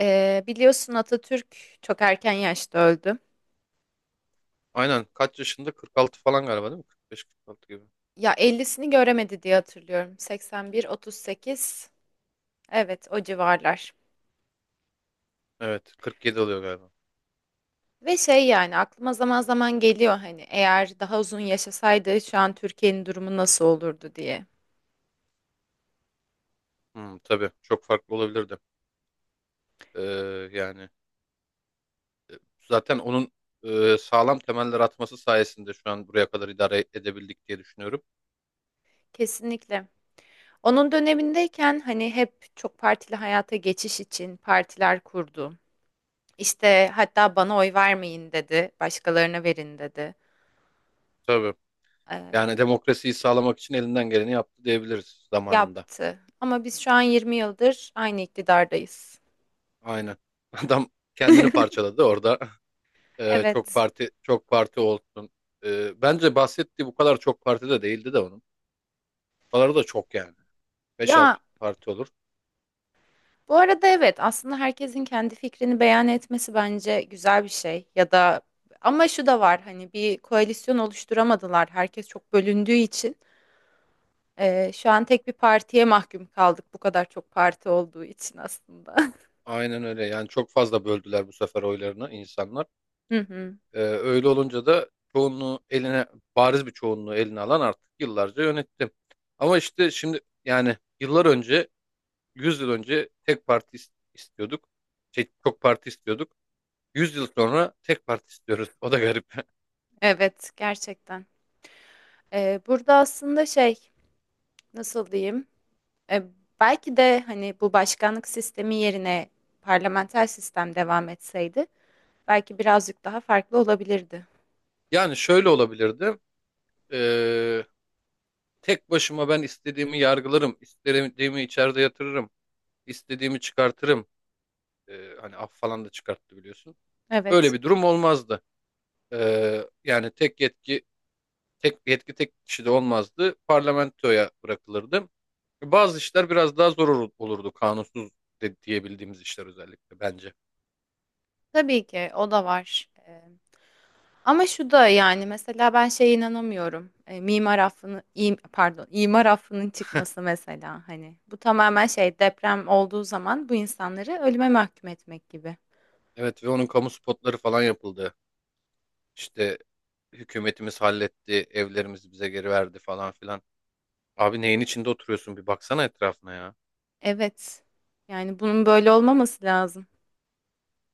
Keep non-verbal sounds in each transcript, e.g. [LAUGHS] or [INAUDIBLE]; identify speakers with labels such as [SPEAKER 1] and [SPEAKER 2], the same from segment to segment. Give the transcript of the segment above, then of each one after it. [SPEAKER 1] Biliyorsun Atatürk çok erken yaşta öldü.
[SPEAKER 2] Aynen. Kaç yaşında? 46 falan galiba değil mi? 45-46 gibi.
[SPEAKER 1] Ya 50'sini göremedi diye hatırlıyorum. 81, 38. Evet, o civarlar.
[SPEAKER 2] Evet. 47 oluyor galiba.
[SPEAKER 1] Ve şey yani aklıma zaman zaman geliyor hani eğer daha uzun yaşasaydı şu an Türkiye'nin durumu nasıl olurdu diye.
[SPEAKER 2] Hmm, tabii. Çok farklı olabilirdi. Ee, yani zaten onun sağlam temeller atması sayesinde şu an buraya kadar idare edebildik diye düşünüyorum.
[SPEAKER 1] Kesinlikle. Onun dönemindeyken hani hep çok partili hayata geçiş için partiler kurdu. İşte hatta bana oy vermeyin dedi, başkalarına verin dedi.
[SPEAKER 2] Tabii. Yani demokrasiyi sağlamak için elinden geleni yaptı diyebiliriz zamanında.
[SPEAKER 1] Yaptı. Ama biz şu an 20 yıldır aynı iktidardayız.
[SPEAKER 2] Aynen. [LAUGHS] Adam kendini
[SPEAKER 1] [LAUGHS]
[SPEAKER 2] parçaladı orada. Çok
[SPEAKER 1] Evet.
[SPEAKER 2] parti çok parti olsun. Bence bahsettiği bu kadar çok parti de değildi de onun. Bu kadar da çok yani. 5-6
[SPEAKER 1] Ya
[SPEAKER 2] parti olur.
[SPEAKER 1] bu arada evet, aslında herkesin kendi fikrini beyan etmesi bence güzel bir şey ya da, ama şu da var hani bir koalisyon oluşturamadılar, herkes çok bölündüğü için. Şu an tek bir partiye mahkum kaldık, bu kadar çok parti olduğu için aslında.
[SPEAKER 2] Aynen öyle. Yani çok fazla böldüler bu sefer oylarını insanlar.
[SPEAKER 1] [LAUGHS] Hı hı.
[SPEAKER 2] Öyle olunca da çoğunluğu eline, bariz bir çoğunluğu eline alan artık yıllarca yönetti. Ama işte şimdi yani yıllar önce, 100 yıl önce tek parti istiyorduk. Çok parti istiyorduk. 100 yıl sonra tek parti istiyoruz. [LAUGHS] O da garip. [LAUGHS]
[SPEAKER 1] Evet, gerçekten. Burada aslında şey, nasıl diyeyim? E, Belki de hani bu başkanlık sistemi yerine parlamenter sistem devam etseydi belki birazcık daha farklı olabilirdi.
[SPEAKER 2] Yani şöyle olabilirdi. Ee, tek başıma ben istediğimi yargılarım, istediğimi içeride yatırırım, istediğimi çıkartırım. Hani af falan da çıkarttı biliyorsun. Öyle
[SPEAKER 1] Evet,
[SPEAKER 2] bir durum olmazdı. Yani tek yetki tek kişide olmazdı. Parlamentoya bırakılırdı. Bazı işler biraz daha zor olurdu kanunsuz de, diyebildiğimiz işler özellikle bence.
[SPEAKER 1] tabii ki o da var. Ama şu da yani, mesela ben şeye inanamıyorum. Mimar affını, pardon, imar affının çıkması mesela, hani bu tamamen şey, deprem olduğu zaman bu insanları ölüme mahkum etmek gibi.
[SPEAKER 2] Evet ve onun kamu spotları falan yapıldı. İşte hükümetimiz halletti, evlerimizi bize geri verdi falan filan. Abi neyin içinde oturuyorsun bir baksana etrafına ya.
[SPEAKER 1] Evet. Yani bunun böyle olmaması lazım.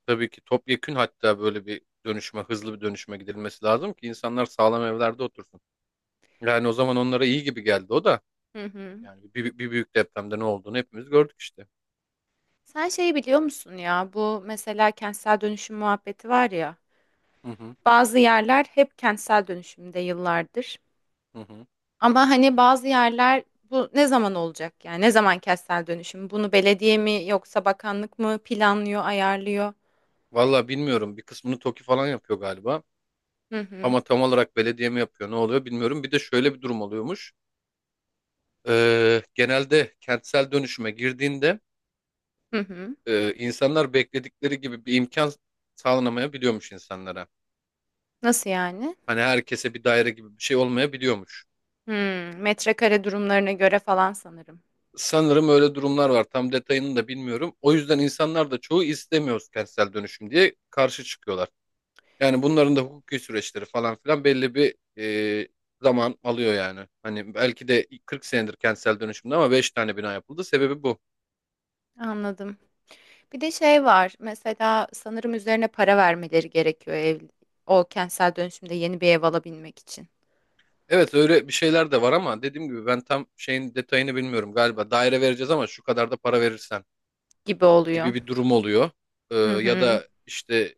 [SPEAKER 2] Tabii ki topyekün hatta böyle bir dönüşme, hızlı bir dönüşme gidilmesi lazım ki insanlar sağlam evlerde otursun. Yani o zaman onlara iyi gibi geldi o da.
[SPEAKER 1] Hı hı.
[SPEAKER 2] Yani bir büyük depremde ne olduğunu hepimiz gördük işte.
[SPEAKER 1] Sen şeyi biliyor musun ya? Bu mesela kentsel dönüşüm muhabbeti var ya.
[SPEAKER 2] Hı hı,
[SPEAKER 1] Bazı yerler hep kentsel dönüşümde yıllardır.
[SPEAKER 2] hı hı.
[SPEAKER 1] Ama hani bazı yerler, bu ne zaman olacak yani? Ne zaman kentsel dönüşüm? Bunu belediye mi yoksa bakanlık mı planlıyor, ayarlıyor?
[SPEAKER 2] Valla bilmiyorum. Bir kısmını TOKİ falan yapıyor galiba.
[SPEAKER 1] Hı hı.
[SPEAKER 2] Ama tam olarak belediye mi yapıyor ne oluyor bilmiyorum. Bir de şöyle bir durum oluyormuş. Genelde kentsel dönüşüme girdiğinde
[SPEAKER 1] Hı hı.
[SPEAKER 2] insanlar bekledikleri gibi bir imkan sağlanamayabiliyormuş insanlara.
[SPEAKER 1] Nasıl yani?
[SPEAKER 2] Hani herkese bir daire gibi bir şey olmayabiliyormuş.
[SPEAKER 1] Hmm, metrekare durumlarına göre falan sanırım.
[SPEAKER 2] Sanırım öyle durumlar var. Tam detayını da bilmiyorum. O yüzden insanlar da çoğu istemiyoruz kentsel dönüşüm diye karşı çıkıyorlar. Yani bunların da hukuki süreçleri falan filan belli bir e, zaman alıyor yani. Hani belki de 40 senedir kentsel dönüşümde ama 5 tane bina yapıldı. Sebebi bu.
[SPEAKER 1] Anladım. Bir de şey var. Mesela sanırım üzerine para vermeleri gerekiyor ev, o kentsel dönüşümde yeni bir ev alabilmek için
[SPEAKER 2] Evet öyle bir şeyler de var ama dediğim gibi ben tam şeyin detayını bilmiyorum. Galiba daire vereceğiz ama şu kadar da para verirsen
[SPEAKER 1] gibi oluyor.
[SPEAKER 2] gibi bir durum oluyor. Ee,
[SPEAKER 1] Hı
[SPEAKER 2] ya
[SPEAKER 1] hı.
[SPEAKER 2] da işte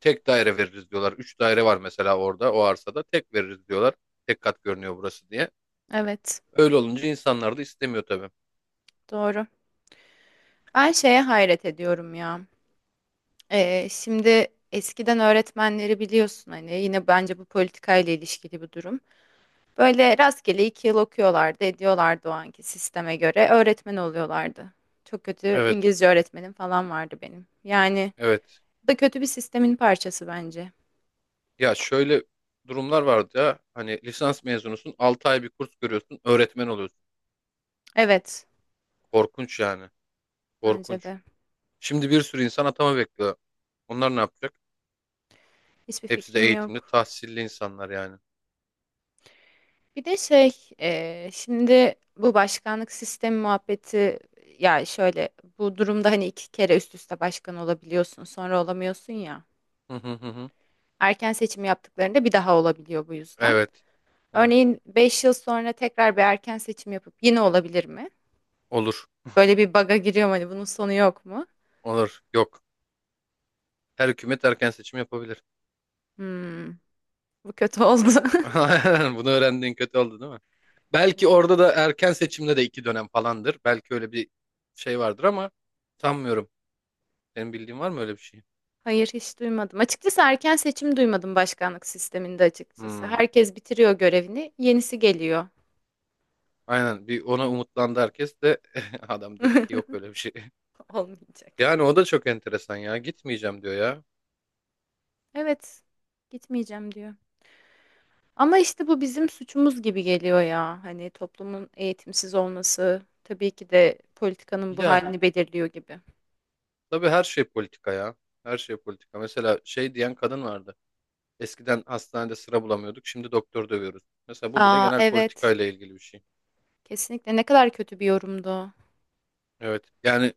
[SPEAKER 2] tek daire veririz diyorlar. Üç daire var mesela orada o arsada. Tek veririz diyorlar. Tek kat görünüyor burası diye.
[SPEAKER 1] Evet,
[SPEAKER 2] Öyle olunca insanlar da istemiyor tabii.
[SPEAKER 1] doğru. Ben şeye hayret ediyorum ya. Şimdi eskiden öğretmenleri biliyorsun, hani yine bence bu politikayla ilişkili bir durum. Böyle rastgele 2 yıl okuyorlardı, ediyorlardı o anki sisteme göre. Öğretmen oluyorlardı. Çok kötü
[SPEAKER 2] Evet.
[SPEAKER 1] İngilizce öğretmenim falan vardı benim. Yani
[SPEAKER 2] Evet.
[SPEAKER 1] bu da kötü bir sistemin parçası bence.
[SPEAKER 2] Ya şöyle durumlar vardı ya. Hani lisans mezunusun, 6 ay bir kurs görüyorsun, öğretmen oluyorsun.
[SPEAKER 1] Evet,
[SPEAKER 2] Korkunç yani.
[SPEAKER 1] bence
[SPEAKER 2] Korkunç.
[SPEAKER 1] de.
[SPEAKER 2] Şimdi bir sürü insan atama bekliyor. Onlar ne yapacak?
[SPEAKER 1] Hiçbir
[SPEAKER 2] Hepsi de
[SPEAKER 1] fikrim
[SPEAKER 2] eğitimli,
[SPEAKER 1] yok.
[SPEAKER 2] tahsilli insanlar yani.
[SPEAKER 1] Bir de şey, şimdi bu başkanlık sistemi muhabbeti, ya şöyle, bu durumda hani iki kere üst üste başkan olabiliyorsun, sonra olamıyorsun ya.
[SPEAKER 2] Hı hı hı. Hı.
[SPEAKER 1] Erken seçim yaptıklarında bir daha olabiliyor bu yüzden.
[SPEAKER 2] Evet, evet.
[SPEAKER 1] Örneğin 5 yıl sonra tekrar bir erken seçim yapıp yine olabilir mi?
[SPEAKER 2] Olur,
[SPEAKER 1] Böyle bir baga giriyorum, hani bunun sonu yok mu?
[SPEAKER 2] olur. Yok. Her hükümet erken seçim yapabilir.
[SPEAKER 1] Hmm, bu kötü oldu. [LAUGHS]
[SPEAKER 2] [LAUGHS] Aynen, bunu öğrendiğin kötü oldu değil mi? Belki
[SPEAKER 1] Evet.
[SPEAKER 2] orada da erken seçimde de iki dönem falandır. Belki öyle bir şey vardır ama sanmıyorum. Senin bildiğin var mı öyle bir şey?
[SPEAKER 1] Hayır, hiç duymadım. Açıkçası erken seçim duymadım başkanlık sisteminde açıkçası.
[SPEAKER 2] Hmm.
[SPEAKER 1] Herkes bitiriyor görevini, yenisi geliyor.
[SPEAKER 2] Aynen bir ona umutlandı herkes de [LAUGHS] adam dedi ki yok
[SPEAKER 1] [LAUGHS]
[SPEAKER 2] öyle bir şey. [LAUGHS]
[SPEAKER 1] Olmayacak.
[SPEAKER 2] Yani o da çok enteresan ya gitmeyeceğim diyor ya.
[SPEAKER 1] Evet, gitmeyeceğim diyor. Ama işte bu bizim suçumuz gibi geliyor ya. Hani toplumun eğitimsiz olması tabii ki de politikanın bu
[SPEAKER 2] Ya
[SPEAKER 1] halini belirliyor gibi.
[SPEAKER 2] tabii her şey politika ya. Her şey politika. Mesela şey diyen kadın vardı. Eskiden hastanede sıra bulamıyorduk şimdi doktor dövüyoruz. Mesela bu bile
[SPEAKER 1] Aa,
[SPEAKER 2] genel
[SPEAKER 1] evet,
[SPEAKER 2] politikayla ilgili bir şey.
[SPEAKER 1] kesinlikle ne kadar kötü bir yorumdu o.
[SPEAKER 2] Evet yani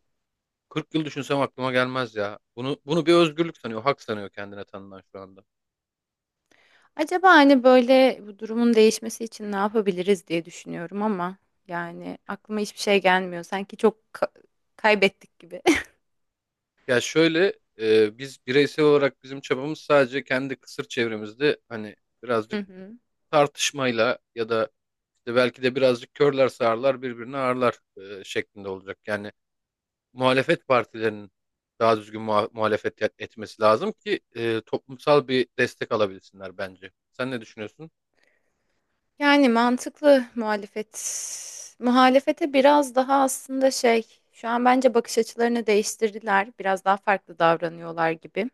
[SPEAKER 2] 40 yıl düşünsem aklıma gelmez ya. Bunu bir özgürlük sanıyor, hak sanıyor kendine tanınan şu anda.
[SPEAKER 1] Acaba hani böyle bu durumun değişmesi için ne yapabiliriz diye düşünüyorum, ama yani aklıma hiçbir şey gelmiyor. Sanki çok kaybettik gibi. [LAUGHS]
[SPEAKER 2] Ya şöyle biz bireysel olarak bizim çabamız sadece kendi kısır çevremizde hani
[SPEAKER 1] Hı
[SPEAKER 2] birazcık
[SPEAKER 1] hı.
[SPEAKER 2] tartışmayla ya da işte belki de birazcık körler sağırlar birbirini ağırlar şeklinde olacak. Yani muhalefet partilerinin daha düzgün muhalefet etmesi lazım ki toplumsal bir destek alabilsinler bence. Sen ne düşünüyorsun?
[SPEAKER 1] Yani mantıklı muhalefet. Muhalefete biraz daha aslında şey, şu an bence bakış açılarını değiştirdiler. Biraz daha farklı davranıyorlar gibi.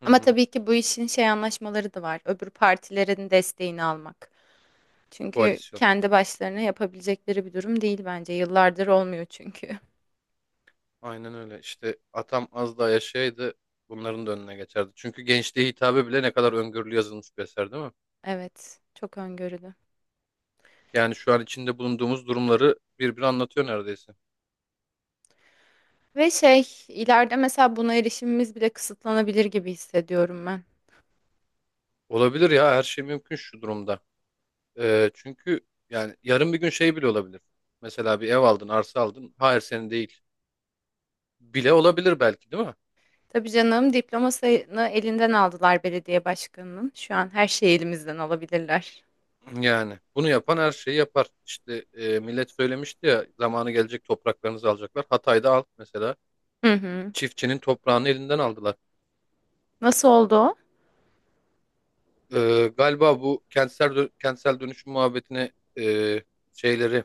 [SPEAKER 2] Hı
[SPEAKER 1] Ama
[SPEAKER 2] hı.
[SPEAKER 1] tabii ki bu işin şey anlaşmaları da var. Öbür partilerin desteğini almak. Çünkü
[SPEAKER 2] Koalisyon.
[SPEAKER 1] kendi başlarına yapabilecekleri bir durum değil bence. Yıllardır olmuyor çünkü. [LAUGHS]
[SPEAKER 2] Aynen öyle. İşte atam az daha yaşaydı bunların da önüne geçerdi. Çünkü gençliğe hitabe bile ne kadar öngörülü yazılmış bir eser değil mi?
[SPEAKER 1] Evet, çok öngörülü.
[SPEAKER 2] Yani şu an içinde bulunduğumuz durumları birbiri anlatıyor neredeyse.
[SPEAKER 1] Ve şey, ileride mesela buna erişimimiz bile kısıtlanabilir gibi hissediyorum.
[SPEAKER 2] Olabilir ya her şey mümkün şu durumda. Çünkü yani yarın bir gün şey bile olabilir. Mesela bir ev aldın, arsa aldın. Hayır senin değil. Bile olabilir belki değil mi?
[SPEAKER 1] Tabii canım, diplomasını elinden aldılar belediye başkanının. Şu an her şeyi elimizden alabilirler.
[SPEAKER 2] Yani bunu yapan her şeyi yapar. İşte millet söylemişti ya zamanı gelecek topraklarınızı alacaklar. Hatay'da alt mesela
[SPEAKER 1] Hı hı.
[SPEAKER 2] çiftçinin toprağını elinden aldılar.
[SPEAKER 1] Nasıl oldu o?
[SPEAKER 2] Galiba bu kentsel kentsel dönüşüm muhabbetine e, şeyleri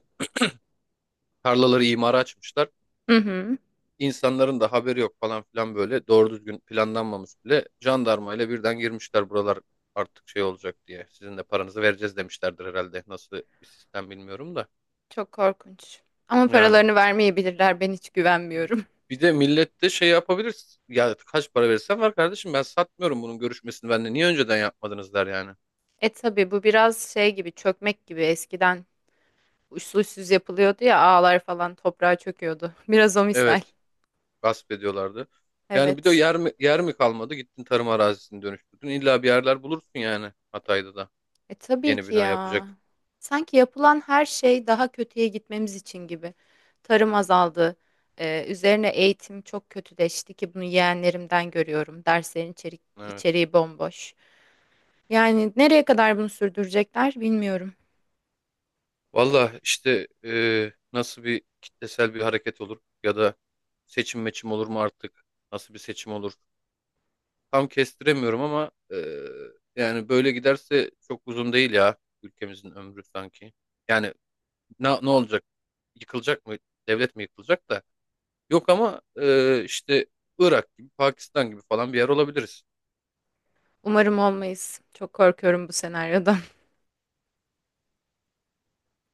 [SPEAKER 2] tarlaları imara açmışlar.
[SPEAKER 1] Hı hı.
[SPEAKER 2] İnsanların da haberi yok falan filan böyle doğru düzgün planlanmamış bile jandarmayla birden girmişler buralar artık şey olacak diye. Sizin de paranızı vereceğiz demişlerdir herhalde. Nasıl bir sistem bilmiyorum da.
[SPEAKER 1] Çok korkunç. Ama
[SPEAKER 2] Yani
[SPEAKER 1] paralarını vermeyebilirler. Ben hiç güvenmiyorum. [LAUGHS]
[SPEAKER 2] bir de millet de şey yapabilir. Ya kaç para verirsen var kardeşim ben satmıyorum bunun görüşmesini bende. Niye önceden yapmadınız der yani.
[SPEAKER 1] E tabii, bu biraz şey gibi, çökmek gibi, eskiden uçsuz uçsuz yapılıyordu ya, ağlar falan toprağa çöküyordu. [LAUGHS] Biraz o misal.
[SPEAKER 2] Evet gasp ediyorlardı. Yani bir de
[SPEAKER 1] Evet.
[SPEAKER 2] yer mi, yer mi kalmadı gittin tarım arazisini dönüştürdün. İlla bir yerler bulursun yani Hatay'da da
[SPEAKER 1] E tabii
[SPEAKER 2] yeni
[SPEAKER 1] ki
[SPEAKER 2] bina
[SPEAKER 1] ya.
[SPEAKER 2] yapacak.
[SPEAKER 1] Sanki yapılan her şey daha kötüye gitmemiz için gibi. Tarım azaldı. Üzerine eğitim çok kötüleşti ki bunu yeğenlerimden görüyorum. Derslerin
[SPEAKER 2] Evet.
[SPEAKER 1] içeriği bomboş. Yani nereye kadar bunu sürdürecekler bilmiyorum.
[SPEAKER 2] Valla işte nasıl bir kitlesel bir hareket olur ya da seçim meçim olur mu artık? Nasıl bir seçim olur? Tam kestiremiyorum ama yani böyle giderse çok uzun değil ya ülkemizin ömrü sanki. Yani ne olacak? Yıkılacak mı? Devlet mi yıkılacak da? Yok ama işte Irak gibi, Pakistan gibi falan bir yer olabiliriz.
[SPEAKER 1] Umarım olmayız. Çok korkuyorum bu senaryoda.